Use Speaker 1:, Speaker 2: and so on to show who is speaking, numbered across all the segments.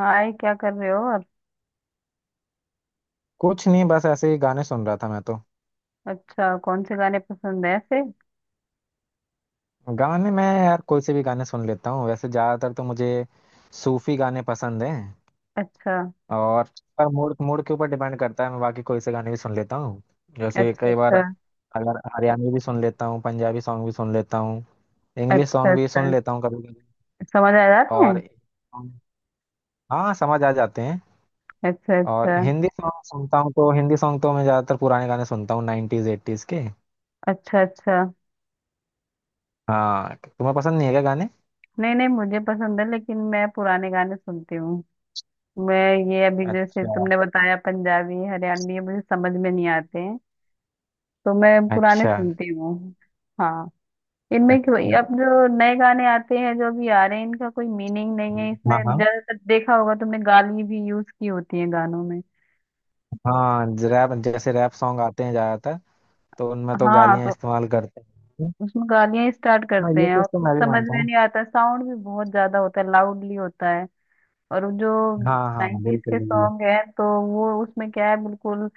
Speaker 1: हाय, क्या कर रहे हो आप।
Speaker 2: कुछ नहीं, बस ऐसे ही गाने सुन रहा था मैं तो।
Speaker 1: अच्छा, कौन से गाने पसंद है ऐसे।
Speaker 2: गाने मैं यार कोई से भी गाने सुन लेता हूँ, वैसे ज्यादातर तो मुझे सूफी गाने पसंद हैं।
Speaker 1: अच्छा।
Speaker 2: और पर मूड मूड के ऊपर डिपेंड करता है, मैं बाकी कोई से गाने भी सुन लेता हूँ। जैसे
Speaker 1: अच्छा।
Speaker 2: कई बार
Speaker 1: अच्छा।
Speaker 2: अगर हरियाणवी भी सुन लेता हूँ, पंजाबी सॉन्ग भी सुन लेता हूँ, इंग्लिश
Speaker 1: अच्छा।
Speaker 2: सॉन्ग भी सुन
Speaker 1: अच्छा।
Speaker 2: लेता हूँ कभी कभी।
Speaker 1: समझ आ जाते हैं।
Speaker 2: और हाँ, समझ आ जाते हैं।
Speaker 1: अच्छा।
Speaker 2: और
Speaker 1: अच्छा।
Speaker 2: हिंदी सॉन्ग सुनता हूँ तो हिंदी सॉन्ग तो मैं ज्यादातर पुराने गाने सुनता हूँ, नाइनटीज एट्टीज के।
Speaker 1: अच्छा। अच्छा।
Speaker 2: हाँ, तुम्हें पसंद नहीं है क्या गाने?
Speaker 1: नहीं नहीं, मुझे पसंद है, लेकिन मैं पुराने गाने सुनती हूँ मैं। ये अभी जैसे
Speaker 2: अच्छा
Speaker 1: तुमने बताया पंजाबी हरियाणवी, ये मुझे समझ में नहीं आते हैं, तो मैं पुराने
Speaker 2: अच्छा।
Speaker 1: सुनती हूँ। हाँ। इनमें क्यों
Speaker 2: अच्छा।
Speaker 1: अब जो नए गाने आते हैं, जो अभी आ रहे हैं, इनका कोई मीनिंग नहीं है इसमें।
Speaker 2: हाँ हाँ।
Speaker 1: ज्यादातर देखा होगा तुमने गाली भी यूज की होती है गानों में।
Speaker 2: हाँ, रैप, जैसे रैप सॉन्ग आते हैं ज्यादातर, तो उनमें तो
Speaker 1: हाँ
Speaker 2: गालियां
Speaker 1: तो
Speaker 2: इस्तेमाल करते हैं।
Speaker 1: उसमें गालियां स्टार्ट
Speaker 2: हाँ,
Speaker 1: करते
Speaker 2: ये
Speaker 1: हैं और
Speaker 2: चीज तो
Speaker 1: कुछ
Speaker 2: मैं भी
Speaker 1: समझ
Speaker 2: मानता
Speaker 1: में
Speaker 2: हूँ।
Speaker 1: नहीं आता, साउंड भी बहुत ज्यादा होता है, लाउडली होता है। और वो जो
Speaker 2: हाँ हाँ,
Speaker 1: नाइन्टीज
Speaker 2: बिल्कुल
Speaker 1: के
Speaker 2: बिल्कुल।
Speaker 1: सॉन्ग है, तो वो उसमें क्या है, बिल्कुल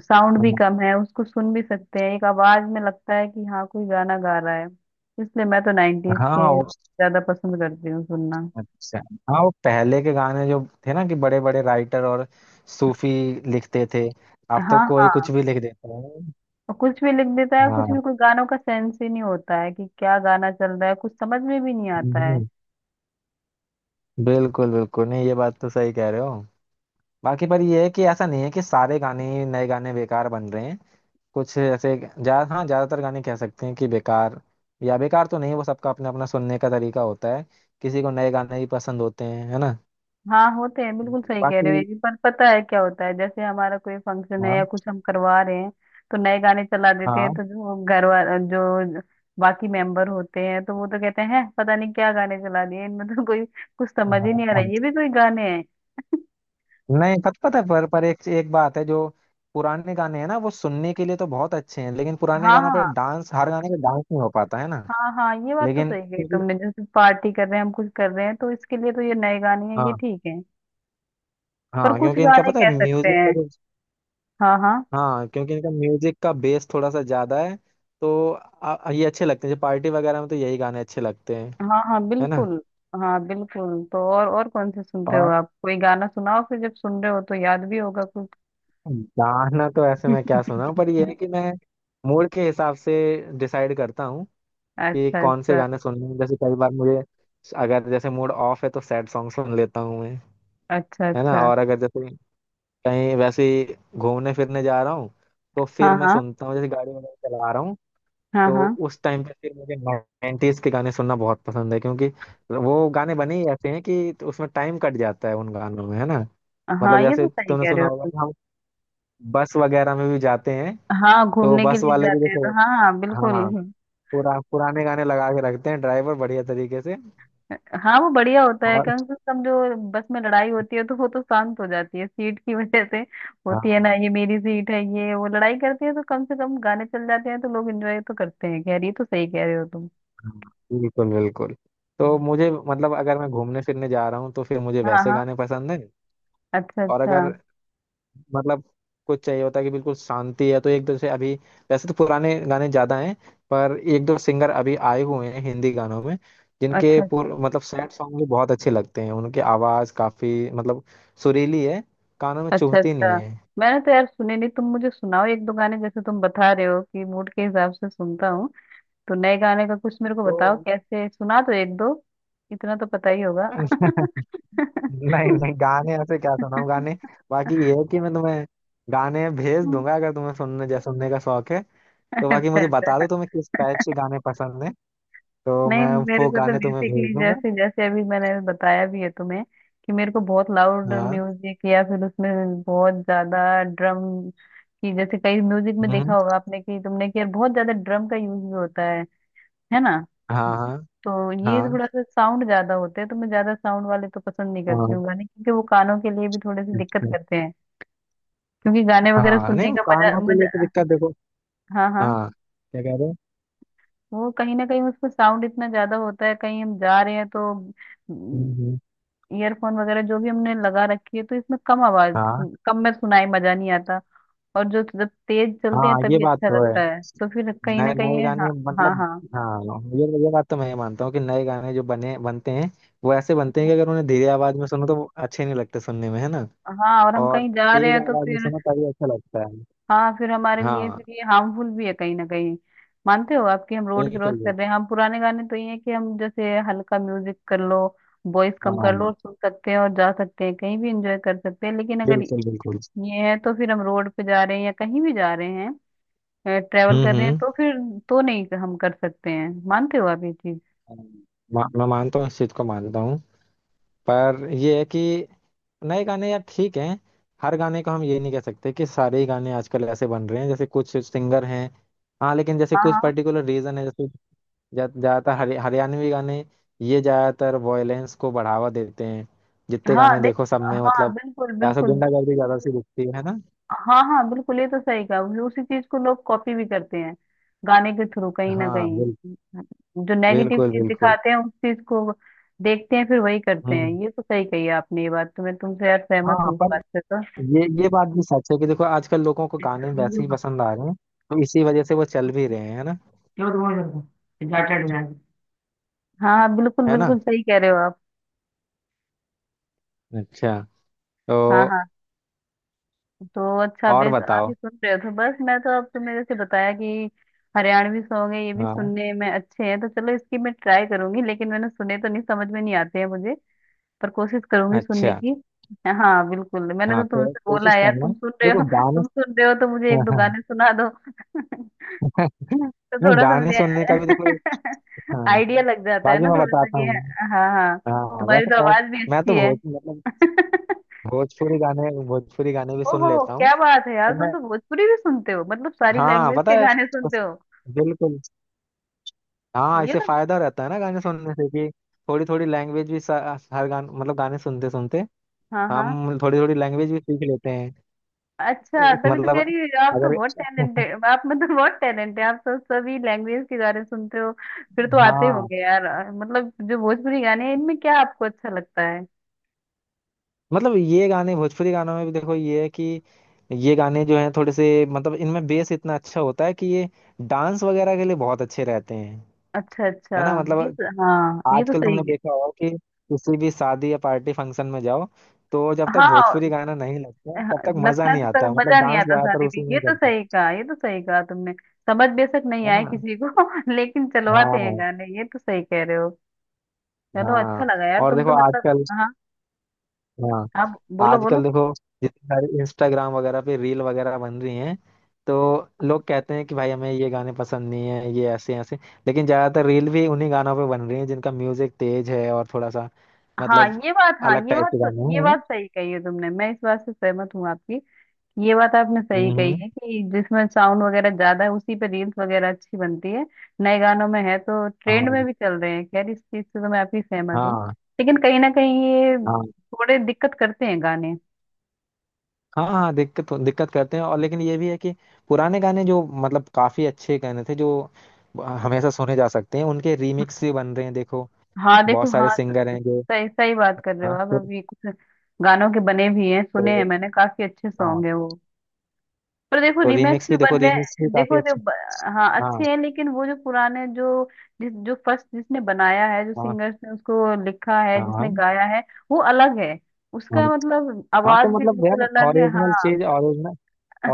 Speaker 1: साउंड भी कम है, उसको सुन भी सकते हैं, एक आवाज में लगता है कि हाँ कोई गाना गा रहा है। इसलिए मैं तो नाइन्टीज
Speaker 2: हाँ हाँ,
Speaker 1: के
Speaker 2: वो
Speaker 1: ज्यादा पसंद करती हूँ सुनना।
Speaker 2: अच्छा। हाँ, वो पहले के गाने जो थे ना कि बड़े बड़े राइटर और सूफी लिखते थे, अब तो
Speaker 1: हाँ
Speaker 2: कोई
Speaker 1: हाँ।
Speaker 2: कुछ भी लिख देता है।
Speaker 1: और कुछ भी लिख देता है, कुछ भी,
Speaker 2: हाँ।
Speaker 1: कोई गानों का सेंस ही नहीं होता है कि क्या गाना चल रहा है, कुछ समझ में भी नहीं आता।
Speaker 2: हम्म, बिल्कुल बिल्कुल, नहीं ये बात तो सही कह रहे हो। बाकी पर ये है कि ऐसा नहीं है कि सारे गाने ही नए गाने बेकार बन रहे हैं। कुछ ऐसे जा हाँ, ज्यादातर गाने कह सकते हैं कि बेकार, या बेकार तो नहीं, वो सबका अपना अपना सुनने का तरीका होता है। किसी को नए गाने ही पसंद होते हैं, है ना।
Speaker 1: हाँ होते हैं, बिल्कुल सही कह रहे
Speaker 2: बाकी
Speaker 1: हो ये भी, पर पता है क्या होता है, जैसे हमारा कोई फंक्शन है या
Speaker 2: हाँ
Speaker 1: कुछ हम करवा रहे हैं तो नए गाने चला देते हैं,
Speaker 2: हाँ।
Speaker 1: तो जो घर वाला जो बाकी मेंबर होते हैं, तो वो तो कहते "हैं, पता नहीं क्या गाने चला दिए, इनमें तो कोई कुछ
Speaker 2: हाँ
Speaker 1: समझ ही नहीं आ रहा है,
Speaker 2: हाँ।
Speaker 1: ये भी कोई गाने हैं"।
Speaker 2: नहीं पता है, पर एक एक बात है जो पुराने गाने हैं ना, वो सुनने के लिए तो बहुत अच्छे हैं, लेकिन पुराने
Speaker 1: हाँ
Speaker 2: गानों पे
Speaker 1: हाँ।
Speaker 2: डांस, हर गाने पे डांस नहीं हो पाता, है ना।
Speaker 1: हाँ हाँ, ये बात तो
Speaker 2: लेकिन
Speaker 1: सही कही
Speaker 2: क्योंकि-
Speaker 1: तुमने, जैसे पार्टी कर रहे हैं हम, कुछ कर रहे हैं, तो इसके लिए तो ये नए गाने हैं, ये
Speaker 2: हाँ,
Speaker 1: ठीक है। पर
Speaker 2: हाँ
Speaker 1: कुछ
Speaker 2: क्योंकि इनका
Speaker 1: गाने
Speaker 2: पता है
Speaker 1: कह सकते
Speaker 2: म्यूजिक का
Speaker 1: हैं।
Speaker 2: जो,
Speaker 1: हाँ हाँ।
Speaker 2: हाँ क्योंकि इनका म्यूजिक का बेस थोड़ा सा ज्यादा है, तो ये अच्छे लगते हैं, जैसे पार्टी वगैरह में तो यही गाने अच्छे लगते हैं,
Speaker 1: हाँ हाँ
Speaker 2: है ना।
Speaker 1: बिल्कुल। हाँ बिल्कुल, तो और कौन से सुनते हो
Speaker 2: और
Speaker 1: आप? कोई गाना सुनाओ फिर, जब सुन रहे हो तो याद भी होगा कुछ।
Speaker 2: गाना तो ऐसे मैं क्या सुना हूँ, पर ये है कि मैं मूड के हिसाब से डिसाइड करता हूँ कि
Speaker 1: अच्छा
Speaker 2: कौन से
Speaker 1: अच्छा।
Speaker 2: गाने सुनने हैं। जैसे कई बार मुझे अगर जैसे मूड ऑफ है तो सैड सॉन्ग सुन लेता हूँ मैं,
Speaker 1: अच्छा
Speaker 2: है ना।
Speaker 1: अच्छा।
Speaker 2: और अगर जैसे कहीं वैसे ही घूमने फिरने जा रहा हूँ तो फिर
Speaker 1: हाँ
Speaker 2: मैं
Speaker 1: हाँ।
Speaker 2: सुनता हूँ, जैसे गाड़ी वगैरह चला रहा हूँ,
Speaker 1: हाँ
Speaker 2: तो
Speaker 1: हाँ।
Speaker 2: उस टाइम पे फिर मुझे 90s के गाने सुनना बहुत पसंद है, क्योंकि वो गाने बने ही ऐसे हैं कि, तो उसमें टाइम कट जाता है उन गानों में, है ना।
Speaker 1: हाँ
Speaker 2: मतलब
Speaker 1: ये
Speaker 2: जैसे
Speaker 1: तो सही
Speaker 2: तुमने
Speaker 1: कह रहे
Speaker 2: सुना
Speaker 1: हो
Speaker 2: होगा
Speaker 1: तुम।
Speaker 2: कि हम बस वगैरह में भी जाते हैं,
Speaker 1: हाँ,
Speaker 2: तो
Speaker 1: घूमने के
Speaker 2: बस
Speaker 1: लिए
Speaker 2: वाले भी
Speaker 1: जाते हैं
Speaker 2: जैसे
Speaker 1: तो, हाँ हाँ बिल्कुल।
Speaker 2: हाँ पुराने गाने लगा के रखते हैं ड्राइवर बढ़िया तरीके से।
Speaker 1: हाँ, वो बढ़िया होता है,
Speaker 2: और
Speaker 1: कम से कम जो बस में लड़ाई होती है तो वो तो शांत हो जाती है सीट की वजह से। होती है ना,
Speaker 2: हाँ
Speaker 1: ये मेरी सीट है ये, वो लड़ाई करती है, तो कम से कम गाने चल जाते हैं तो लोग एंजॉय तो करते हैं। खैर, ये तो सही कह रहे हो तुम।
Speaker 2: हाँ, बिल्कुल बिल्कुल। तो मुझे मतलब अगर मैं घूमने फिरने जा रहा हूँ तो फिर मुझे
Speaker 1: हाँ
Speaker 2: वैसे
Speaker 1: हाँ।
Speaker 2: गाने पसंद है।
Speaker 1: अच्छा
Speaker 2: और
Speaker 1: अच्छा।
Speaker 2: अगर मतलब कुछ चाहिए होता है कि बिल्कुल शांति है, तो एक दो से अभी वैसे तो पुराने गाने ज्यादा हैं, पर एक दो सिंगर अभी आए हुए हैं हिंदी गानों में, जिनके
Speaker 1: अच्छा
Speaker 2: मतलब सैड सॉन्ग भी बहुत अच्छे लगते हैं, उनकी आवाज काफी मतलब सुरीली है, कानों में
Speaker 1: अच्छा।
Speaker 2: चुभती नहीं
Speaker 1: अच्छा,
Speaker 2: है।
Speaker 1: मैंने तो यार सुने नहीं, तुम मुझे सुनाओ एक दो गाने, जैसे तुम बता रहे हो कि मूड के हिसाब से सुनता हूँ, तो नए गाने का कुछ मेरे को
Speaker 2: तो
Speaker 1: बताओ, कैसे सुना, तो एक दो इतना तो पता ही होगा।
Speaker 2: नहीं नहीं, गाने ऐसे क्या सुनाऊं गाने। बाकी ये है कि मैं तुम्हें गाने भेज दूंगा अगर तुम्हें सुनने जै सुनने का शौक है, तो बाकी
Speaker 1: अच्छा
Speaker 2: मुझे बता
Speaker 1: अच्छा।
Speaker 2: दो तुम्हें किस टाइप के गाने पसंद है, तो
Speaker 1: नहीं,
Speaker 2: मैं
Speaker 1: मेरे
Speaker 2: वो
Speaker 1: को तो
Speaker 2: गाने तुम्हें भेज
Speaker 1: बेसिकली
Speaker 2: दूंगा।
Speaker 1: जैसे, जैसे अभी मैंने बताया भी है तुम्हें कि मेरे को बहुत लाउड
Speaker 2: हाँ
Speaker 1: म्यूजिक या फिर उसमें बहुत ज्यादा ड्रम की, जैसे कई म्यूजिक में देखा होगा आपने कि तुमने, कि यार बहुत ज्यादा ड्रम का यूज भी होता है ना।
Speaker 2: हाँ। हाँ
Speaker 1: तो ये
Speaker 2: हाँ।
Speaker 1: थोड़ा सा साउंड ज्यादा होते हैं, तो मैं ज्यादा साउंड वाले तो पसंद नहीं करती
Speaker 2: हाँ।
Speaker 1: हूँ गाने, क्योंकि वो कानों के लिए भी थोड़े से
Speaker 2: अच्छा,
Speaker 1: दिक्कत
Speaker 2: अच्छा।
Speaker 1: करते हैं। क्योंकि गाने वगैरह
Speaker 2: हाँ, नहीं
Speaker 1: सुनने
Speaker 2: वो
Speaker 1: का मजा
Speaker 2: कानों के लिए तो
Speaker 1: मजा
Speaker 2: दिक्कत, देखो।
Speaker 1: हाँ हाँ।
Speaker 2: हाँ, क्या कह रहे हो।
Speaker 1: वो कहीं ना कहीं उसमें साउंड इतना ज्यादा होता है, कहीं हम जा रहे हैं तो
Speaker 2: हम्म, हम्म,
Speaker 1: ईयरफोन वगैरह जो भी हमने लगा रखी है, तो इसमें कम आवाज
Speaker 2: हाँ,
Speaker 1: सुन- कम में सुनाई मजा नहीं आता। और जो जब तेज चलते हैं
Speaker 2: हाँ ये
Speaker 1: तभी
Speaker 2: बात
Speaker 1: अच्छा
Speaker 2: तो
Speaker 1: लगता
Speaker 2: है,
Speaker 1: है, तो फिर कहीं ना
Speaker 2: नए
Speaker 1: कहीं
Speaker 2: नए
Speaker 1: ये- हाँ
Speaker 2: गाने
Speaker 1: हाँ।
Speaker 2: मतलब।
Speaker 1: हाँ
Speaker 2: हाँ, ये बात तो मैं मानता हूँ कि नए गाने जो बने बनते हैं, वो ऐसे बनते हैं कि अगर उन्हें धीरे आवाज में सुनो तो वो अच्छे नहीं लगते सुनने में, है ना।
Speaker 1: हाँ, और हम
Speaker 2: और
Speaker 1: कहीं जा रहे
Speaker 2: तेज
Speaker 1: हैं तो
Speaker 2: आवाज में
Speaker 1: फिर।
Speaker 2: सुनो तभी अच्छा लगता है।
Speaker 1: हाँ, फिर हमारे लिए
Speaker 2: हाँ,
Speaker 1: फिर ये हार्मफुल भी है कहीं ना कहीं, मानते हो आपकी? हम रोड क्रॉस
Speaker 2: बिल्कुल
Speaker 1: कर
Speaker 2: बिल्कुल।
Speaker 1: रहे हैं हम पुराने गाने, तो ये है कि हम जैसे हल्का म्यूजिक कर लो, वॉइस कम कर
Speaker 2: हाँ
Speaker 1: लो और सुन सकते हैं, और जा सकते हैं कहीं भी एंजॉय कर सकते हैं। लेकिन अगर
Speaker 2: बिल्कुल बिल्कुल।
Speaker 1: ये है तो फिर हम रोड पे जा रहे हैं या कहीं भी जा रहे हैं, ट्रेवल
Speaker 2: हम्म
Speaker 1: कर रहे हैं,
Speaker 2: हम्म
Speaker 1: तो फिर तो नहीं हम कर सकते हैं। मानते हो आप ये चीज?
Speaker 2: हाँ, मैं मानता हूँ, इस चीज को मानता हूँ। पर ये है कि नए गाने यार ठीक हैं, हर गाने को हम ये नहीं कह सकते कि सारे ही गाने आजकल ऐसे बन रहे हैं, जैसे कुछ सिंगर हैं। हाँ, लेकिन जैसे
Speaker 1: हाँ
Speaker 2: कुछ
Speaker 1: हाँ।
Speaker 2: पर्टिकुलर रीजन है, जैसे ज़्यादातर हरियाणवी गाने ये ज़्यादातर वॉयलेंस को बढ़ावा देते हैं, जितने
Speaker 1: हाँ
Speaker 2: गाने
Speaker 1: देख,
Speaker 2: देखो सब में
Speaker 1: हाँ
Speaker 2: मतलब
Speaker 1: बिल्कुल
Speaker 2: ऐसा
Speaker 1: बिल्कुल।
Speaker 2: गुंडागर्दी ज़्यादा सी दिखती है ना।
Speaker 1: हाँ हाँ बिल्कुल, ये तो सही कहा। उस- उसी चीज को लोग कॉपी भी करते हैं गाने के थ्रू कहीं ना
Speaker 2: हाँ
Speaker 1: कहीं। जो नेगेटिव
Speaker 2: बिल्कुल
Speaker 1: चीज
Speaker 2: बिल्कुल।
Speaker 1: दिखाते हैं उस चीज को देखते हैं फिर वही करते हैं।
Speaker 2: हम्म
Speaker 1: ये तो सही कही आपने, ये बात तो मैं तुमसे यार सहमत
Speaker 2: हाँ,
Speaker 1: हूँ इस
Speaker 2: पर
Speaker 1: बात से तो।
Speaker 2: ये बात भी सच है कि देखो आजकल लोगों को गाने वैसे ही
Speaker 1: क्या
Speaker 2: पसंद आ रहे हैं, तो इसी वजह से वो चल भी रहे हैं, है ना।
Speaker 1: तुम्हारे घर पे एग्जैक्टेड है। हाँ बिल्कुल
Speaker 2: है ना।
Speaker 1: बिल्कुल, सही कह रहे हो आप।
Speaker 2: अच्छा, तो
Speaker 1: हाँ हाँ। तो अच्छा
Speaker 2: और
Speaker 1: बेस आप भी
Speaker 2: बताओ।
Speaker 1: सुन रहे हो, तो बस मैं तो अब, तुमने जैसे बताया कि हरियाणवी सॉन्ग है, ये भी
Speaker 2: हाँ।
Speaker 1: सुनने में अच्छे हैं, तो चलो इसकी मैं ट्राई करूंगी, लेकिन मैंने सुने तो नहीं, समझ में नहीं आते हैं मुझे। पर कोशिश करूंगी सुनने
Speaker 2: अच्छा।
Speaker 1: की। हाँ बिल्कुल, मैंने
Speaker 2: हाँ
Speaker 1: तो तुमसे बोला
Speaker 2: कोशिश
Speaker 1: है, यार तुम
Speaker 2: करना,
Speaker 1: सुन रहे
Speaker 2: देखो
Speaker 1: हो,
Speaker 2: गाने।
Speaker 1: तुम सुन रहे हो तो मुझे एक दो गाने सुना दो। तो
Speaker 2: नहीं,
Speaker 1: थोड़ा सा
Speaker 2: गाने
Speaker 1: मुझे
Speaker 2: सुनने का भी देखो, हाँ
Speaker 1: आइडिया लग जाता है
Speaker 2: बाकी
Speaker 1: ना
Speaker 2: मैं
Speaker 1: थोड़ा सा
Speaker 2: बताता
Speaker 1: कि।
Speaker 2: हूँ।
Speaker 1: हाँ हाँ,
Speaker 2: हाँ,
Speaker 1: तुम्हारी
Speaker 2: वैसे
Speaker 1: तो
Speaker 2: यार
Speaker 1: आवाज भी
Speaker 2: मैं तो
Speaker 1: अच्छी है।
Speaker 2: भोज मतलब भोजपुरी गाने भी सुन
Speaker 1: ओहो,
Speaker 2: लेता हूँ,
Speaker 1: क्या बात है यार,
Speaker 2: पर
Speaker 1: तुम
Speaker 2: मैं
Speaker 1: तो भोजपुरी भी सुनते हो, मतलब सारी
Speaker 2: हाँ
Speaker 1: लैंग्वेज
Speaker 2: पता
Speaker 1: के
Speaker 2: है
Speaker 1: गाने सुनते
Speaker 2: उस-
Speaker 1: हो।
Speaker 2: बिल्कुल। हाँ,
Speaker 1: ये
Speaker 2: इससे
Speaker 1: तो।
Speaker 2: फायदा रहता है ना गाने सुनने से कि थोड़ी थोड़ी लैंग्वेज भी हर गान मतलब गाने सुनते सुनते
Speaker 1: हाँ हाँ।
Speaker 2: हम थोड़ी थोड़ी लैंग्वेज भी सीख लेते हैं।
Speaker 1: अच्छा,
Speaker 2: एक
Speaker 1: तभी तो
Speaker 2: मतलब,
Speaker 1: कह रही हूँ, आप तो
Speaker 2: अगर
Speaker 1: बहुत टैलेंटेड, आप मतलब बहुत टैलेंट है आप तो, सभी लैंग्वेज के गाने सुनते हो। फिर तो आते
Speaker 2: हाँ
Speaker 1: होंगे यार, मतलब जो भोजपुरी गाने हैं, इनमें क्या आपको अच्छा लगता है?
Speaker 2: मतलब, ये गाने भोजपुरी गानों में भी देखो, ये है कि ये गाने जो हैं थोड़े से मतलब इनमें बेस इतना अच्छा होता है कि ये डांस वगैरह के लिए बहुत अच्छे रहते हैं,
Speaker 1: अच्छा अच्छा।
Speaker 2: है ना।
Speaker 1: ये
Speaker 2: मतलब
Speaker 1: तो हाँ, ये तो
Speaker 2: आजकल
Speaker 1: सही
Speaker 2: तुमने
Speaker 1: है।
Speaker 2: देखा होगा कि किसी भी शादी या पार्टी फंक्शन में जाओ, तो जब तक
Speaker 1: हाँ
Speaker 2: भोजपुरी गाना नहीं लगता तब
Speaker 1: हाँ,
Speaker 2: तक मजा
Speaker 1: लगता है
Speaker 2: नहीं
Speaker 1: तो तब
Speaker 2: आता, मतलब
Speaker 1: मजा नहीं
Speaker 2: डांस
Speaker 1: आता
Speaker 2: ज्यादातर
Speaker 1: शादी
Speaker 2: उसी
Speaker 1: में,
Speaker 2: में
Speaker 1: ये
Speaker 2: ही
Speaker 1: तो
Speaker 2: करते हैं,
Speaker 1: सही कहा, ये तो सही कहा तुमने। समझ बेशक नहीं
Speaker 2: है
Speaker 1: आए
Speaker 2: ना।
Speaker 1: किसी को लेकिन चलवाते हैं
Speaker 2: हाँ
Speaker 1: गाने, ये तो सही कह रहे हो। चलो अच्छा
Speaker 2: हाँ।
Speaker 1: लगा यार
Speaker 2: और
Speaker 1: तुम
Speaker 2: देखो
Speaker 1: तो मतलब।
Speaker 2: आजकल।
Speaker 1: हाँ,
Speaker 2: हाँ,
Speaker 1: आप बोलो बोलो।
Speaker 2: आजकल देखो जितनी सारी इंस्टाग्राम वगैरह पे रील वगैरह बन रही हैं, तो लोग कहते हैं कि भाई हमें ये गाने पसंद नहीं है, ये ऐसे ऐसे, लेकिन ज्यादातर रील भी उन्हीं गानों पे बन रही हैं जिनका म्यूजिक तेज है और थोड़ा सा
Speaker 1: हाँ
Speaker 2: मतलब
Speaker 1: ये बात, हाँ
Speaker 2: अलग
Speaker 1: ये
Speaker 2: टाइप
Speaker 1: बात
Speaker 2: के
Speaker 1: तो,
Speaker 2: गाने हैं,
Speaker 1: ये
Speaker 2: है ना।
Speaker 1: बात सही कही है तुमने, मैं इस बात से सहमत हूँ आपकी। ये बात आपने सही कही
Speaker 2: हम्म।
Speaker 1: है कि जिसमें साउंड वगैरह ज्यादा है उसी पे रील्स वगैरह अच्छी बनती है, नए गानों में है, तो ट्रेंड में
Speaker 2: हाँ
Speaker 1: भी चल रहे हैं। खैर, इस चीज से तो मैं आपकी सहमत हूँ।
Speaker 2: हाँ।
Speaker 1: लेकिन कहीं ना कहीं ये
Speaker 2: हाँ
Speaker 1: थोड़े दिक्कत करते हैं गाने।
Speaker 2: हाँ। हाँ, दिक्कत दिक्कत करते हैं और, लेकिन ये भी है कि पुराने गाने जो मतलब काफी अच्छे गाने थे जो हमेशा सुने जा सकते हैं, उनके रीमिक्स भी बन रहे हैं, देखो
Speaker 1: हाँ देखो,
Speaker 2: बहुत सारे
Speaker 1: हाँ
Speaker 2: सिंगर
Speaker 1: स-
Speaker 2: हैं जो
Speaker 1: सही सही बात कर रहे हो
Speaker 2: हाँ
Speaker 1: आप। अभी कुछ गानों के बने भी हैं, सुने
Speaker 2: तो,
Speaker 1: हैं मैंने, काफी अच्छे
Speaker 2: हाँ
Speaker 1: सॉन्ग है वो। पर देखो
Speaker 2: तो
Speaker 1: रीमेक्स
Speaker 2: रीमिक्स
Speaker 1: भी
Speaker 2: भी, देखो
Speaker 1: बन रहे
Speaker 2: रीमिक्स भी
Speaker 1: हैं,
Speaker 2: काफी
Speaker 1: देखो जो
Speaker 2: अच्छे।
Speaker 1: ब- हाँ
Speaker 2: हाँ
Speaker 1: अच्छे हैं, लेकिन वो जो पुराने जो, जिस जो फर्स्ट जिसने बनाया है, जो
Speaker 2: हाँ।
Speaker 1: सिंगर्स ने उसको लिखा है,
Speaker 2: हाँ
Speaker 1: जिसने
Speaker 2: हाँ।
Speaker 1: गाया है, वो अलग है।
Speaker 2: हाँ,
Speaker 1: उसका मतलब
Speaker 2: हाँ,
Speaker 1: आवाज
Speaker 2: तो
Speaker 1: भी
Speaker 2: मतलब यार
Speaker 1: बिल्कुल अलग है।
Speaker 2: ओरिजिनल
Speaker 1: हाँ
Speaker 2: चीज ओरिजिनल,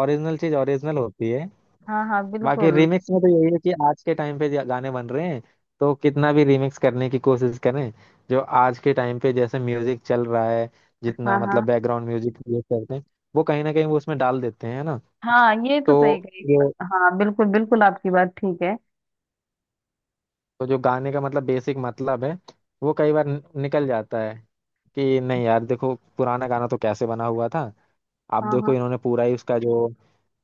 Speaker 2: ओरिजिनल चीज ओरिजिनल होती है।
Speaker 1: हाँ। हाँ
Speaker 2: बाकी
Speaker 1: बिल्कुल।
Speaker 2: रीमिक्स में तो यही है कि आज के टाइम पे गाने बन रहे हैं, तो कितना भी रीमिक्स करने की कोशिश करें, जो आज के टाइम पे जैसे म्यूजिक चल रहा है, जितना
Speaker 1: हाँ
Speaker 2: मतलब
Speaker 1: हाँ।
Speaker 2: बैकग्राउंड म्यूजिक यूज करते हैं, वो कहीं ना कहीं वो उसमें डाल देते हैं, है ना।
Speaker 1: हाँ ये तो सही
Speaker 2: तो
Speaker 1: कही।
Speaker 2: जो
Speaker 1: हाँ बिल्कुल बिल्कुल, आपकी बात ठीक है।
Speaker 2: तो जो गाने का मतलब बेसिक मतलब है, वो कई बार निकल जाता है कि नहीं यार देखो पुराना गाना तो कैसे बना हुआ था, अब
Speaker 1: हाँ
Speaker 2: देखो
Speaker 1: हाँ।
Speaker 2: इन्होंने पूरा ही उसका जो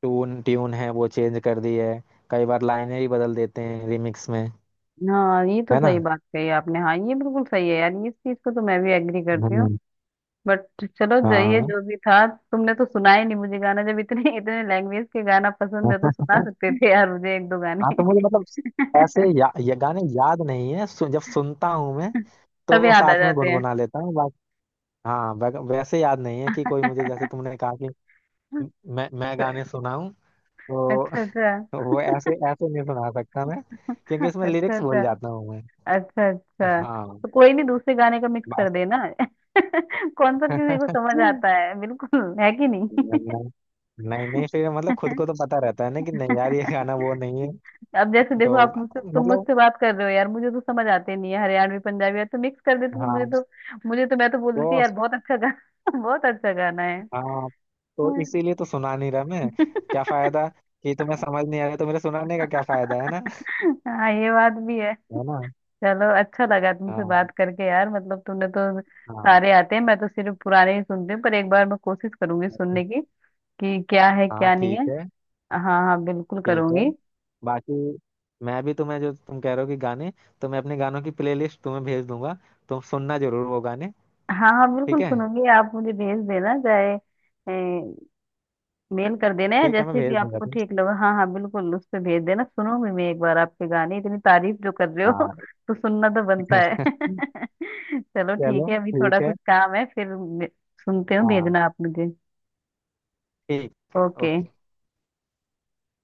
Speaker 2: ट्यून ट्यून है वो चेंज कर दी है, कई बार लाइनें ही बदल देते हैं रिमिक्स में,
Speaker 1: हाँ ये तो
Speaker 2: है ना।
Speaker 1: सही बात कही आपने। हाँ ये बिल्कुल सही है यार, इस चीज को तो मैं भी एग्री करती हूँ।
Speaker 2: हम्म,
Speaker 1: बट चलो, जाइए,
Speaker 2: हाँ।
Speaker 1: जो भी था, तुमने तो सुना ही नहीं मुझे गाना, जब इतने इतने लैंग्वेज के गाना पसंद है तो सुना सकते थे यार मुझे एक दो
Speaker 2: हाँ,
Speaker 1: गाने।
Speaker 2: तो मुझे मतलब ऐसे ये गाने याद नहीं है, जब सुनता हूँ मैं
Speaker 1: तब
Speaker 2: तो
Speaker 1: याद
Speaker 2: साथ
Speaker 1: आ
Speaker 2: में
Speaker 1: जाते हैं।
Speaker 2: गुनगुना लेता हूँ बाकी। हाँ वैसे याद नहीं है कि कोई, मुझे जैसे तुमने कहा कि म- मैं गाने सुनाऊं तो
Speaker 1: अच्छा अच्छा।
Speaker 2: वो ऐसे ऐसे नहीं सुना सकता मैं, क्योंकि इसमें
Speaker 1: अच्छा
Speaker 2: लिरिक्स भूल
Speaker 1: अच्छा।
Speaker 2: जाता हूँ मैं।
Speaker 1: अच्छा अच्छा,
Speaker 2: हाँ,
Speaker 1: तो कोई नहीं दूसरे गाने का मिक्स
Speaker 2: बस।
Speaker 1: कर देना। कौन सा किसी को समझ आता है, बिल्कुल है कि नहीं।
Speaker 2: नहीं नहीं, फिर मतलब खुद को तो पता रहता है ना कि नहीं यार ये गाना वो नहीं है।
Speaker 1: अब जैसे देखो
Speaker 2: तो
Speaker 1: आप मुझसे, तुम
Speaker 2: मतलब
Speaker 1: मुझसे बात कर रहे हो यार, मुझे तो समझ आते नहीं है हरियाणवी पंजाबी यार, तो मिक्स कर देते तो मुझे
Speaker 2: हाँ
Speaker 1: तो, मुझे तो, मैं तो बोल
Speaker 2: तो
Speaker 1: देती यार बहुत अच्छा गाना बहुत अच्छा गाना है।
Speaker 2: हाँ इसीलिए तो सुना नहीं रहा मैं, क्या फायदा, कि तुम्हें समझ नहीं आ रहा तो मेरे सुनाने का क्या फायदा, है ना।
Speaker 1: हाँ ये बात भी है।
Speaker 2: है ना।
Speaker 1: चलो अच्छा लगा तुमसे
Speaker 2: हाँ
Speaker 1: बात करके यार, मतलब तुमने तो
Speaker 2: हाँ।
Speaker 1: सारे आते हैं, मैं तो सिर्फ पुराने ही सुनती हूँ, पर एक बार मैं कोशिश करूंगी सुनने की कि क्या है
Speaker 2: हाँ
Speaker 1: क्या नहीं
Speaker 2: ठीक
Speaker 1: है।
Speaker 2: है।
Speaker 1: हाँ। हाँ बिल्कुल
Speaker 2: ठीक है।
Speaker 1: करूंगी।
Speaker 2: बाकी मैं भी तुम्हें जो तुम कह रहे हो कि गाने, तो मैं अपने गानों की प्लेलिस्ट तुम्हें भेज दूंगा, तुम सुनना जरूर वो गाने।
Speaker 1: हाँ हाँ
Speaker 2: ठीक
Speaker 1: बिल्कुल
Speaker 2: है।
Speaker 1: सुनूंगी, आप मुझे भेज देना, चाहे मेल कर देना है,
Speaker 2: ठीक है, मैं
Speaker 1: जैसे भी
Speaker 2: भेज दूंगा
Speaker 1: आपको
Speaker 2: तुम।
Speaker 1: ठीक लगे, हाँ हाँ बिल्कुल उस पे भेज देना, सुनूंगी मैं एक बार आपके गाने, इतनी तारीफ जो कर रहे हो
Speaker 2: हाँ।
Speaker 1: तो सुनना तो बनता है। चलो ठीक
Speaker 2: चलो
Speaker 1: है, अभी थोड़ा
Speaker 2: ठीक है।
Speaker 1: कुछ काम है, फिर मे- सुनते हो,
Speaker 2: हाँ,
Speaker 1: भेजना आप मुझे।
Speaker 2: ठीक है,
Speaker 1: ओके।
Speaker 2: ओके।